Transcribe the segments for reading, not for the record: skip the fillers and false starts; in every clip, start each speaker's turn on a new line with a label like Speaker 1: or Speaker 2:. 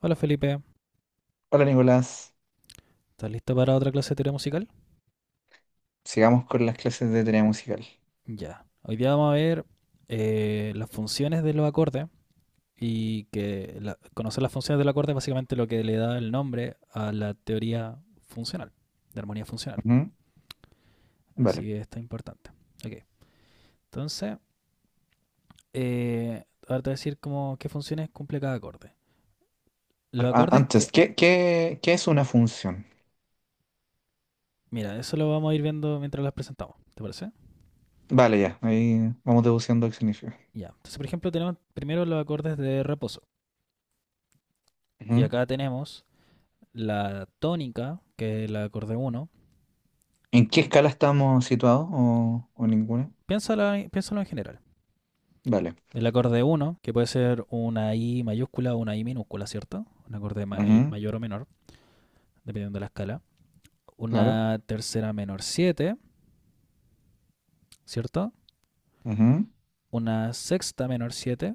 Speaker 1: Hola Felipe,
Speaker 2: Hola Nicolás,
Speaker 1: ¿estás listo para otra clase de teoría musical?
Speaker 2: sigamos con las clases de teoría musical.
Speaker 1: Ya. Hoy día vamos a ver las funciones de los acordes y que conocer las funciones del acorde es básicamente lo que le da el nombre a la teoría funcional, de armonía funcional.
Speaker 2: Ujú,
Speaker 1: Así
Speaker 2: vale.
Speaker 1: que está importante. Ok, entonces, ahora te voy a decir cómo, qué funciones cumple cada acorde.
Speaker 2: Pero
Speaker 1: Los acordes que...
Speaker 2: antes, ¿qué es una función?
Speaker 1: Mira, eso lo vamos a ir viendo mientras las presentamos, ¿te parece?
Speaker 2: Vale, ya, ahí vamos deduciendo qué significa.
Speaker 1: Ya. Entonces, por ejemplo, tenemos primero los acordes de reposo. Y
Speaker 2: Ujú.
Speaker 1: acá tenemos la tónica, que es el acorde uno.
Speaker 2: ¿En qué escala estamos situados o ninguna?
Speaker 1: Piénsalo, piénsalo en general.
Speaker 2: Vale.
Speaker 1: El acorde uno que puede ser una I mayúscula o una I minúscula, ¿cierto? Un acorde
Speaker 2: Ujú,
Speaker 1: mayor o menor, dependiendo de la escala.
Speaker 2: claro.
Speaker 1: Una tercera menor siete, ¿cierto?
Speaker 2: Ujú,
Speaker 1: Una sexta menor siete.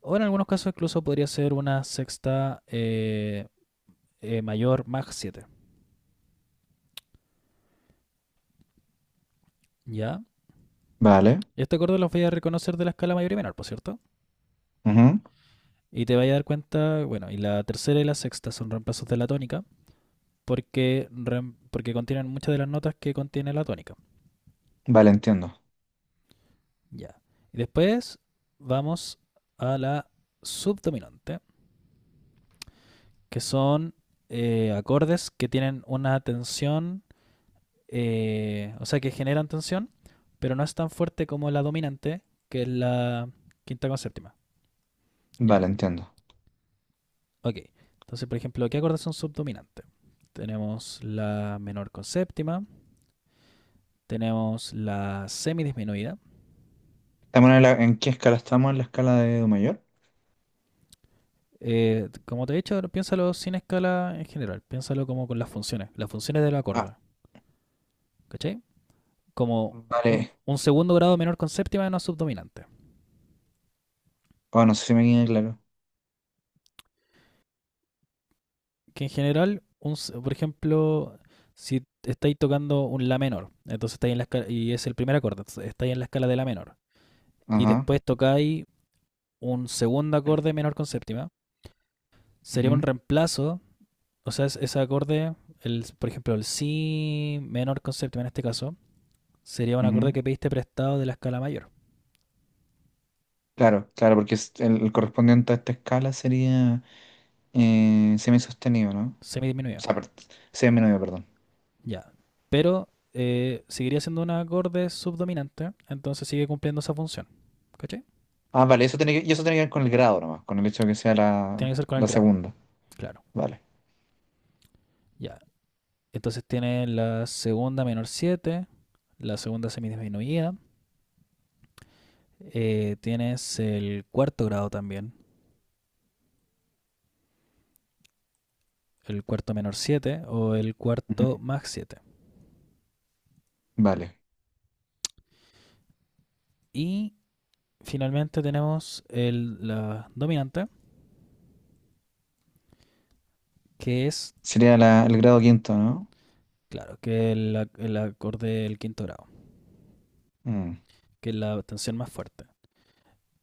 Speaker 1: O en algunos casos incluso podría ser una sexta mayor más siete. ¿Ya?
Speaker 2: vale.
Speaker 1: Este acorde los voy a reconocer de la escala mayor y menor, por cierto.
Speaker 2: Ujú,
Speaker 1: Y te vas a dar cuenta, bueno, y la tercera y la sexta son reemplazos de la tónica, porque, porque contienen muchas de las notas que contiene la tónica.
Speaker 2: vale, entiendo.
Speaker 1: Ya. Y después vamos a la subdominante, que son acordes que tienen una tensión, o sea, que generan tensión, pero no es tan fuerte como la dominante, que es la quinta con séptima. ¿Ya?
Speaker 2: Vale, entiendo.
Speaker 1: Ok. Entonces, por ejemplo, ¿qué acordes son subdominantes? Tenemos la menor con séptima, tenemos la semidisminuida.
Speaker 2: ¿Estamos en qué escala estamos? ¿En la escala de Do mayor?
Speaker 1: Como te he dicho, piénsalo sin escala en general, piénsalo como con las funciones del
Speaker 2: Ah,
Speaker 1: acorde, ¿cachai? Como un,
Speaker 2: vale.
Speaker 1: un segundo grado menor con séptima de una subdominante.
Speaker 2: Oh, no sé si me queda claro.
Speaker 1: Que en general, por ejemplo, si estáis tocando un la menor, entonces estáis en la escala, y es el primer acorde, entonces estáis en la escala de la menor, y
Speaker 2: Ajá.
Speaker 1: después tocáis un segundo acorde menor con séptima, sería un
Speaker 2: Ujú,
Speaker 1: reemplazo, o sea, ese acorde, el, por ejemplo, el si menor con séptima en este caso, sería un acorde
Speaker 2: ujú.
Speaker 1: que pediste prestado de la escala mayor,
Speaker 2: Claro, claro, porque el correspondiente a esta escala sería semisostenido, ¿no? O
Speaker 1: semidiminuido.
Speaker 2: sea, semidiminuido, perdón.
Speaker 1: Ya. Pero seguiría siendo un acorde subdominante, entonces sigue cumpliendo esa función. ¿Caché?
Speaker 2: Ah, vale, y eso tiene que ver con el grado nomás, con el hecho de que sea la,
Speaker 1: Tiene que ser con el
Speaker 2: la
Speaker 1: grado,
Speaker 2: segunda.
Speaker 1: claro.
Speaker 2: Vale.
Speaker 1: Ya. Entonces tiene la segunda menor siete, la segunda semidisminuida. Tienes el cuarto grado también, el cuarto menor siete o el
Speaker 2: Ujú.
Speaker 1: cuarto más siete.
Speaker 2: Vale.
Speaker 1: Y finalmente tenemos el, la dominante, que es...
Speaker 2: Sería el grado quinto, ¿no?
Speaker 1: Claro, que es el acorde del quinto grado,
Speaker 2: Mm,
Speaker 1: que es la tensión más fuerte.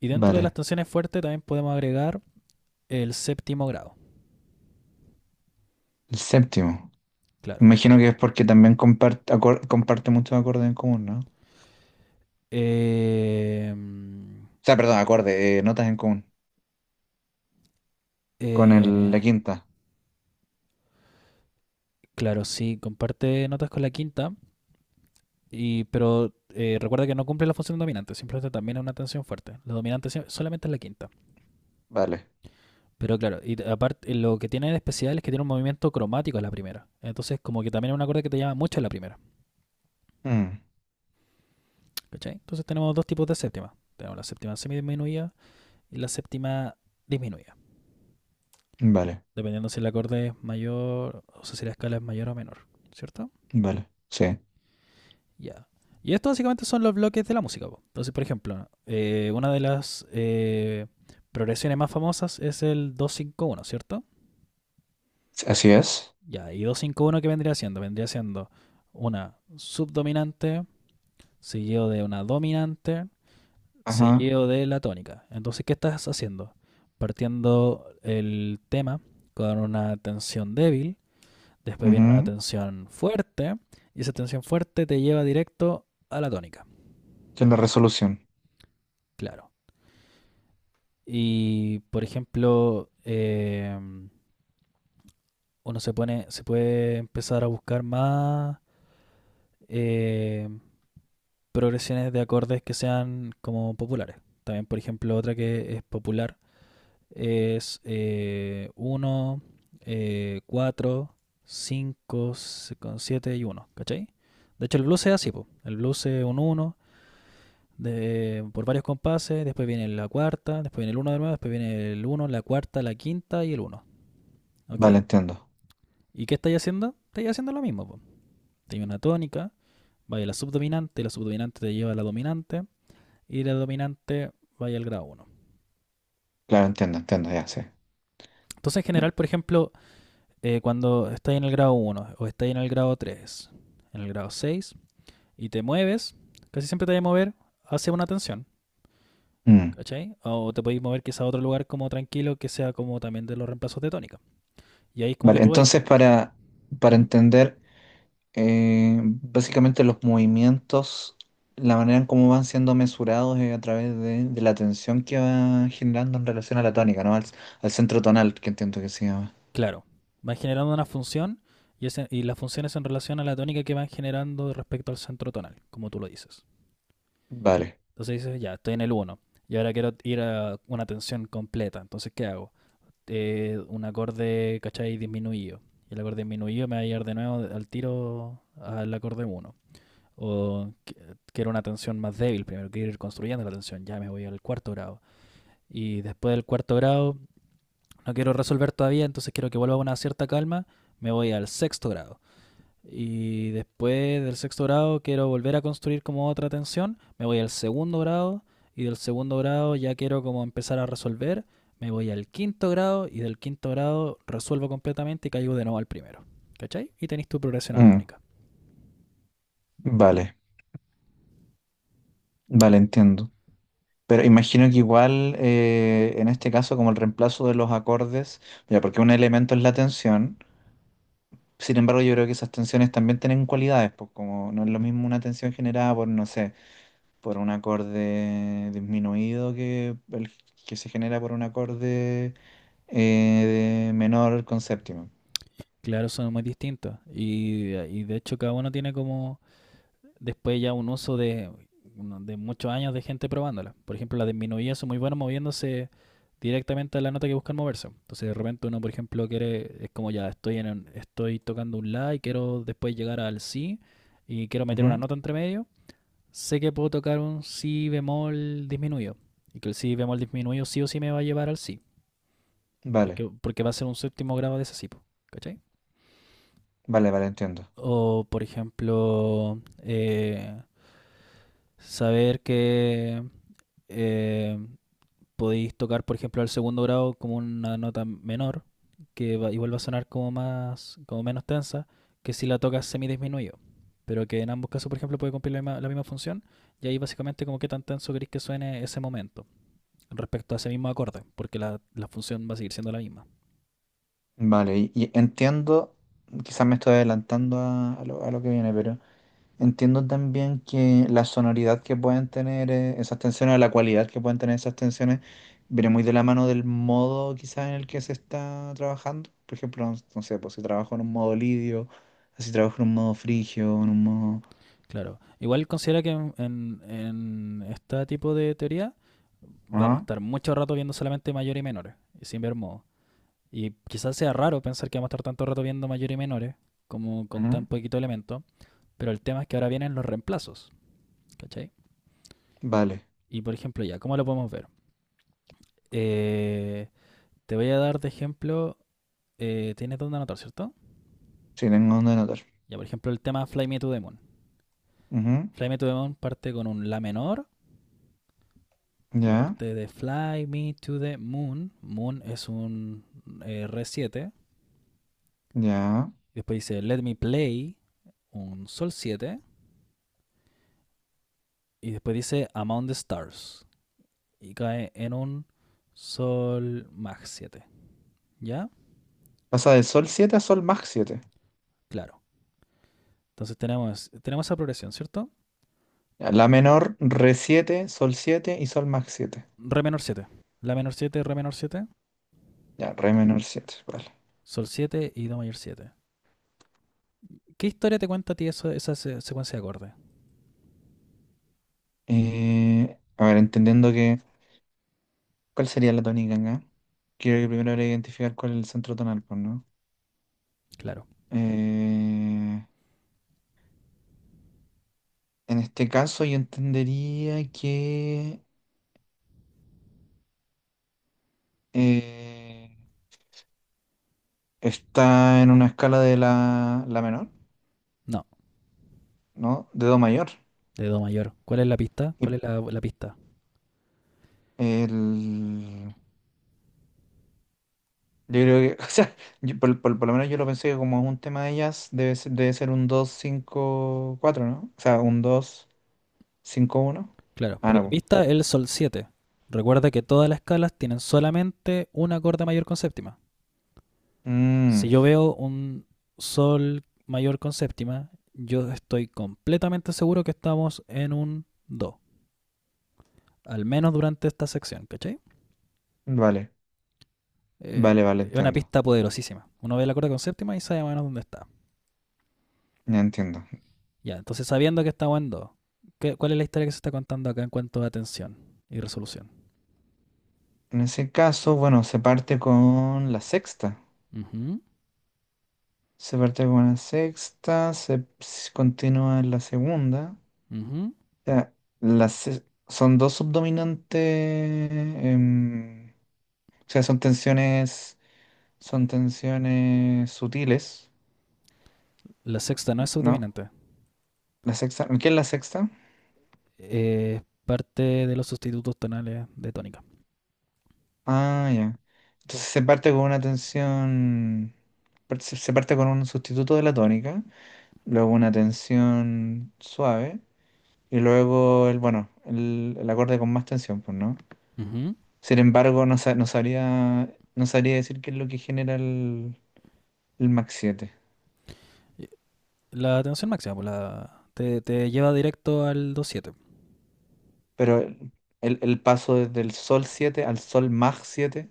Speaker 1: Y dentro de las
Speaker 2: vale.
Speaker 1: tensiones fuertes también podemos agregar el séptimo grado,
Speaker 2: El séptimo.
Speaker 1: claro.
Speaker 2: Imagino que es porque también comparte, comparte muchos acordes en común, ¿no? O
Speaker 1: Eh, mm,
Speaker 2: sea, perdón, acordes, notas en común. Con
Speaker 1: eh,
Speaker 2: la quinta.
Speaker 1: claro, sí, comparte notas con la quinta, pero recuerda que no cumple la función dominante, simplemente también es una tensión fuerte. La dominante solamente es la quinta.
Speaker 2: Vale.
Speaker 1: Pero claro, y aparte lo que tiene de especial es que tiene un movimiento cromático en la primera. Entonces como que también es un acorde que te llama mucho en la primera.
Speaker 2: Mm,
Speaker 1: ¿Cachai? Entonces tenemos dos tipos de séptima. Tenemos la séptima semidisminuida y la séptima disminuida.
Speaker 2: vale,
Speaker 1: Dependiendo si el acorde es mayor, o sea, si la escala es mayor o menor, ¿cierto?
Speaker 2: vale. Sí,
Speaker 1: Ya. Yeah. Y esto básicamente son los bloques de la música, po. Entonces, por ejemplo, una de las progresiones más famosas es el 2-5-1, ¿cierto?
Speaker 2: así es.
Speaker 1: Ya, yeah. Y 2-5-1, ¿qué vendría siendo? Vendría siendo una subdominante, seguido de una dominante,
Speaker 2: Ajá.
Speaker 1: seguido de la tónica. Entonces, ¿qué estás haciendo? Partiendo el tema con una tensión débil, después viene una
Speaker 2: Ujú.
Speaker 1: tensión fuerte, y esa tensión fuerte te lleva directo a la tónica,
Speaker 2: Tiene resolución.
Speaker 1: claro. Y, por ejemplo, uno se pone, se puede empezar a buscar más eh, progresiones de acordes que sean como populares. También, por ejemplo, otra que es popular es 1, 4, 5, 7 y uno, ¿cachai? De hecho, el blues es así,
Speaker 2: Mm.
Speaker 1: po. El blues es un 1 por varios compases, después viene la cuarta, después viene el uno de nuevo, después viene el uno, la cuarta, la quinta y el uno, ¿ok?
Speaker 2: Vale, entiendo.
Speaker 1: ¿Y qué estáis haciendo? Estáis haciendo lo mismo, po. Tenía una tónica, vaya la subdominante te lleva a la dominante y la dominante vaya al grado uno.
Speaker 2: Claro, entiendo, entiendo, ya sé.
Speaker 1: Entonces, en general, por ejemplo, cuando estás en el grado uno o estás en el grado 3, en el grado 6 y te mueves, casi siempre te vas a mover hacia una tensión,
Speaker 2: Mm.
Speaker 1: ¿cachai? O te podéis mover quizá a otro lugar como tranquilo que sea como también de los reemplazos de tónica. Y ahí es como que
Speaker 2: Vale,
Speaker 1: tú vas.
Speaker 2: entonces para
Speaker 1: Ujú.
Speaker 2: entender básicamente los movimientos, la manera en cómo van siendo mesurados es a través de la tensión que va generando en relación a la tónica, ¿no? Al centro tonal, que entiendo que se llama.
Speaker 1: Claro, vas generando una función y las funciones en relación a la tónica que van generando respecto al centro tonal, como tú lo dices.
Speaker 2: Vale.
Speaker 1: Entonces dices, ya, estoy en el uno y ahora quiero ir a una tensión completa, entonces ¿qué hago? Un acorde, ¿cachai? Disminuido. Y el acorde disminuido me va a llevar de nuevo al tiro al acorde uno. O quiero una tensión más débil primero, quiero ir construyendo la tensión, ya me voy al cuarto grado. Y después del cuarto grado, no quiero resolver todavía, entonces quiero que vuelva a una cierta calma, me voy al sexto grado. Y después del sexto grado quiero volver a construir como otra tensión. Me voy al segundo grado y del segundo grado ya quiero como empezar a resolver. Me voy al quinto grado y del quinto grado resuelvo completamente y caigo de nuevo al primero. ¿Cachai? Y tenéis tu progresión
Speaker 2: Mm.
Speaker 1: armónica.
Speaker 2: Vale, vale, entiendo. Pero imagino que igual en este caso como el reemplazo de los acordes, ya porque un elemento es la tensión. Sin embargo, yo creo que esas tensiones también tienen cualidades, pues como no es lo mismo una tensión generada por, no sé, por un acorde disminuido que el que se genera por un acorde de menor con séptima.
Speaker 1: Claro, son muy distintos. Y de hecho cada uno tiene como después ya un uso de, muchos años de gente probándola. Por ejemplo, las disminuidas son muy buenas moviéndose directamente a la nota que buscan moverse. Entonces de repente uno, por ejemplo, quiere, es como ya estoy en estoy tocando un la y quiero después llegar al si y quiero meter una
Speaker 2: Ujú.
Speaker 1: nota entre medio. Sé que puedo tocar un si bemol disminuido y que el si bemol disminuido sí o sí me va a llevar al si,
Speaker 2: Vale,
Speaker 1: porque va a ser un séptimo grado de ese si, po, ¿cachai?
Speaker 2: vale, vale, entiendo.
Speaker 1: O, por ejemplo, saber que eh, podéis tocar, por ejemplo, al segundo grado como una nota menor, que igual va a sonar como más, como menos tensa, que si la tocas semidisminuido. Pero que en ambos casos, por ejemplo, puede cumplir la misma función, y ahí básicamente como qué tan tenso queréis que suene ese momento respecto a ese mismo acorde, porque la función va a seguir siendo la misma.
Speaker 2: Vale, y entiendo, quizás me estoy adelantando a lo que viene, pero entiendo también que la sonoridad que pueden tener esas tensiones, o la cualidad que pueden tener esas tensiones, viene muy de la mano del modo quizás en el que se está trabajando. Por ejemplo, no, no sé, pues si trabajo en un modo lidio, si trabajo en un modo frigio, en un modo...
Speaker 1: Claro. Igual considera que en este tipo de teoría vamos a
Speaker 2: Ajá,
Speaker 1: estar mucho rato viendo solamente mayores y menores, y sin ver modo. Y quizás sea raro pensar que vamos a estar tanto rato viendo mayores y menores, como con tan
Speaker 2: ajá.
Speaker 1: poquito elemento, pero el tema es que ahora vienen los reemplazos, ¿cachai?
Speaker 2: Vale,
Speaker 1: Y por ejemplo, ya, ¿cómo lo podemos ver? Eh, Te voy a dar de ejemplo, tienes dónde anotar, ¿cierto?
Speaker 2: sí, tengo donde anotar.
Speaker 1: Ya, por ejemplo, el tema Fly Me to the Moon.
Speaker 2: Ujú.
Speaker 1: Fly Me to the Moon parte con un La menor. En la
Speaker 2: Ya,
Speaker 1: parte de Fly Me to the Moon, Moon es un Re 7.
Speaker 2: ya.
Speaker 1: Después dice Let Me Play, un Sol siete. Y después dice Among the Stars. Y cae en un Sol Mag siete. ¿Ya?
Speaker 2: Pasa de sol 7 a sol más siete.
Speaker 1: Claro. Entonces tenemos, esa progresión, ¿cierto?
Speaker 2: Ya, la menor, re siete, sol 7 y sol más siete.
Speaker 1: Re menor siete, La menor siete, Re menor siete,
Speaker 2: Ya, re menor siete. Vale.
Speaker 1: Sol siete y Do mayor siete. ¿Qué historia te cuenta a ti eso, esa secuencia de acordes?
Speaker 2: A ver, entendiendo que, ¿cuál sería la tónica acá? Creo que primero habría que identificar cuál es el centro tonal, pues, ¿no?
Speaker 1: Claro.
Speaker 2: Eh, en este caso yo entendería que eh, está en una escala de la menor,
Speaker 1: No,
Speaker 2: ¿no? De do mayor.
Speaker 1: de Do mayor. ¿Cuál es la pista?
Speaker 2: Y
Speaker 1: ¿Cuál es la pista?
Speaker 2: el, yo creo que, o sea, yo por lo menos yo lo pensé que como es un tema de ellas debe ser un 2 5 4, ¿no? O sea, un dos cinco uno.
Speaker 1: Claro,
Speaker 2: Ah,
Speaker 1: pero
Speaker 2: no,
Speaker 1: la
Speaker 2: pues.
Speaker 1: pista es el sol 7. Recuerda que todas las escalas tienen solamente un acorde mayor con séptima.
Speaker 2: Mm,
Speaker 1: Si yo veo un sol mayor con séptima, yo estoy completamente seguro que estamos en un do, al menos durante esta sección, ¿cachai?
Speaker 2: vale, vale, vale,
Speaker 1: Es una
Speaker 2: entiendo.
Speaker 1: pista poderosísima. Uno ve el acorde con séptima y sabe más o menos dónde está.
Speaker 2: Ya entiendo.
Speaker 1: Ya, entonces sabiendo que estamos en do, ¿cuál es la historia que se está contando acá en cuanto a tensión y resolución?
Speaker 2: En ese caso, bueno, se parte con la sexta.
Speaker 1: Ujú,
Speaker 2: Se parte con la sexta, se continúa en la segunda.
Speaker 1: ujú.
Speaker 2: O sea, son dos subdominantes. O sea, son tensiones. Son tensiones sutiles,
Speaker 1: La sexta no es
Speaker 2: ¿no?
Speaker 1: subdominante.
Speaker 2: La sexta. ¿Qué es la sexta?
Speaker 1: Parte de los sustitutos tonales de tónica.
Speaker 2: Ah, ya. Entonces se parte con una tensión. Se parte con un sustituto de la tónica, luego una tensión suave. Y luego el, bueno, el acorde con más tensión, pues, ¿no?
Speaker 1: Ujú.
Speaker 2: Sin embargo, no sabría, no sabría decir qué es lo que genera el Mach siete.
Speaker 1: La tensión máxima, pues te, lleva directo al 2-7.
Speaker 2: Pero el paso desde el Sol 7 al Sol Mach siete.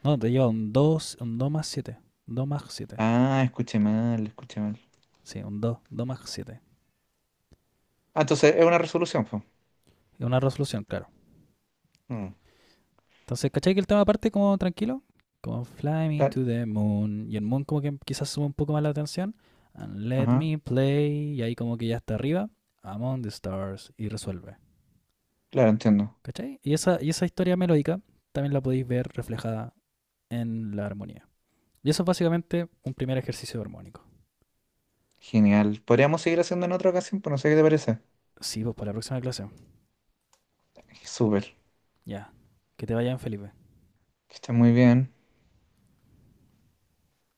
Speaker 1: No, te lleva un 2, un 2 más 7. 2 más 7.
Speaker 2: Ah, escuché mal, escuché mal.
Speaker 1: Sí, un 2, 2 más 7.
Speaker 2: Ah, entonces es una resolución, pues.
Speaker 1: Es una resolución, claro.
Speaker 2: Mm,
Speaker 1: Entonces, ¿cachai que el tema parte como tranquilo? Como Fly Me
Speaker 2: claro,
Speaker 1: to the Moon. Y el Moon como que quizás sube un poco más la tensión. And let
Speaker 2: ajá,
Speaker 1: me play. Y ahí como que ya está arriba. Among the Stars. Y resuelve.
Speaker 2: claro, entiendo.
Speaker 1: ¿Cachai? Y esa, historia melódica también la podéis ver reflejada en la armonía. Y eso es básicamente un primer ejercicio armónico.
Speaker 2: Genial. Podríamos seguir haciendo en otra ocasión, pues no sé qué te parece.
Speaker 1: Sí, pues para la próxima clase.
Speaker 2: Súper.
Speaker 1: Ya. Que te vaya bien, Felipe.
Speaker 2: Que estés muy bien.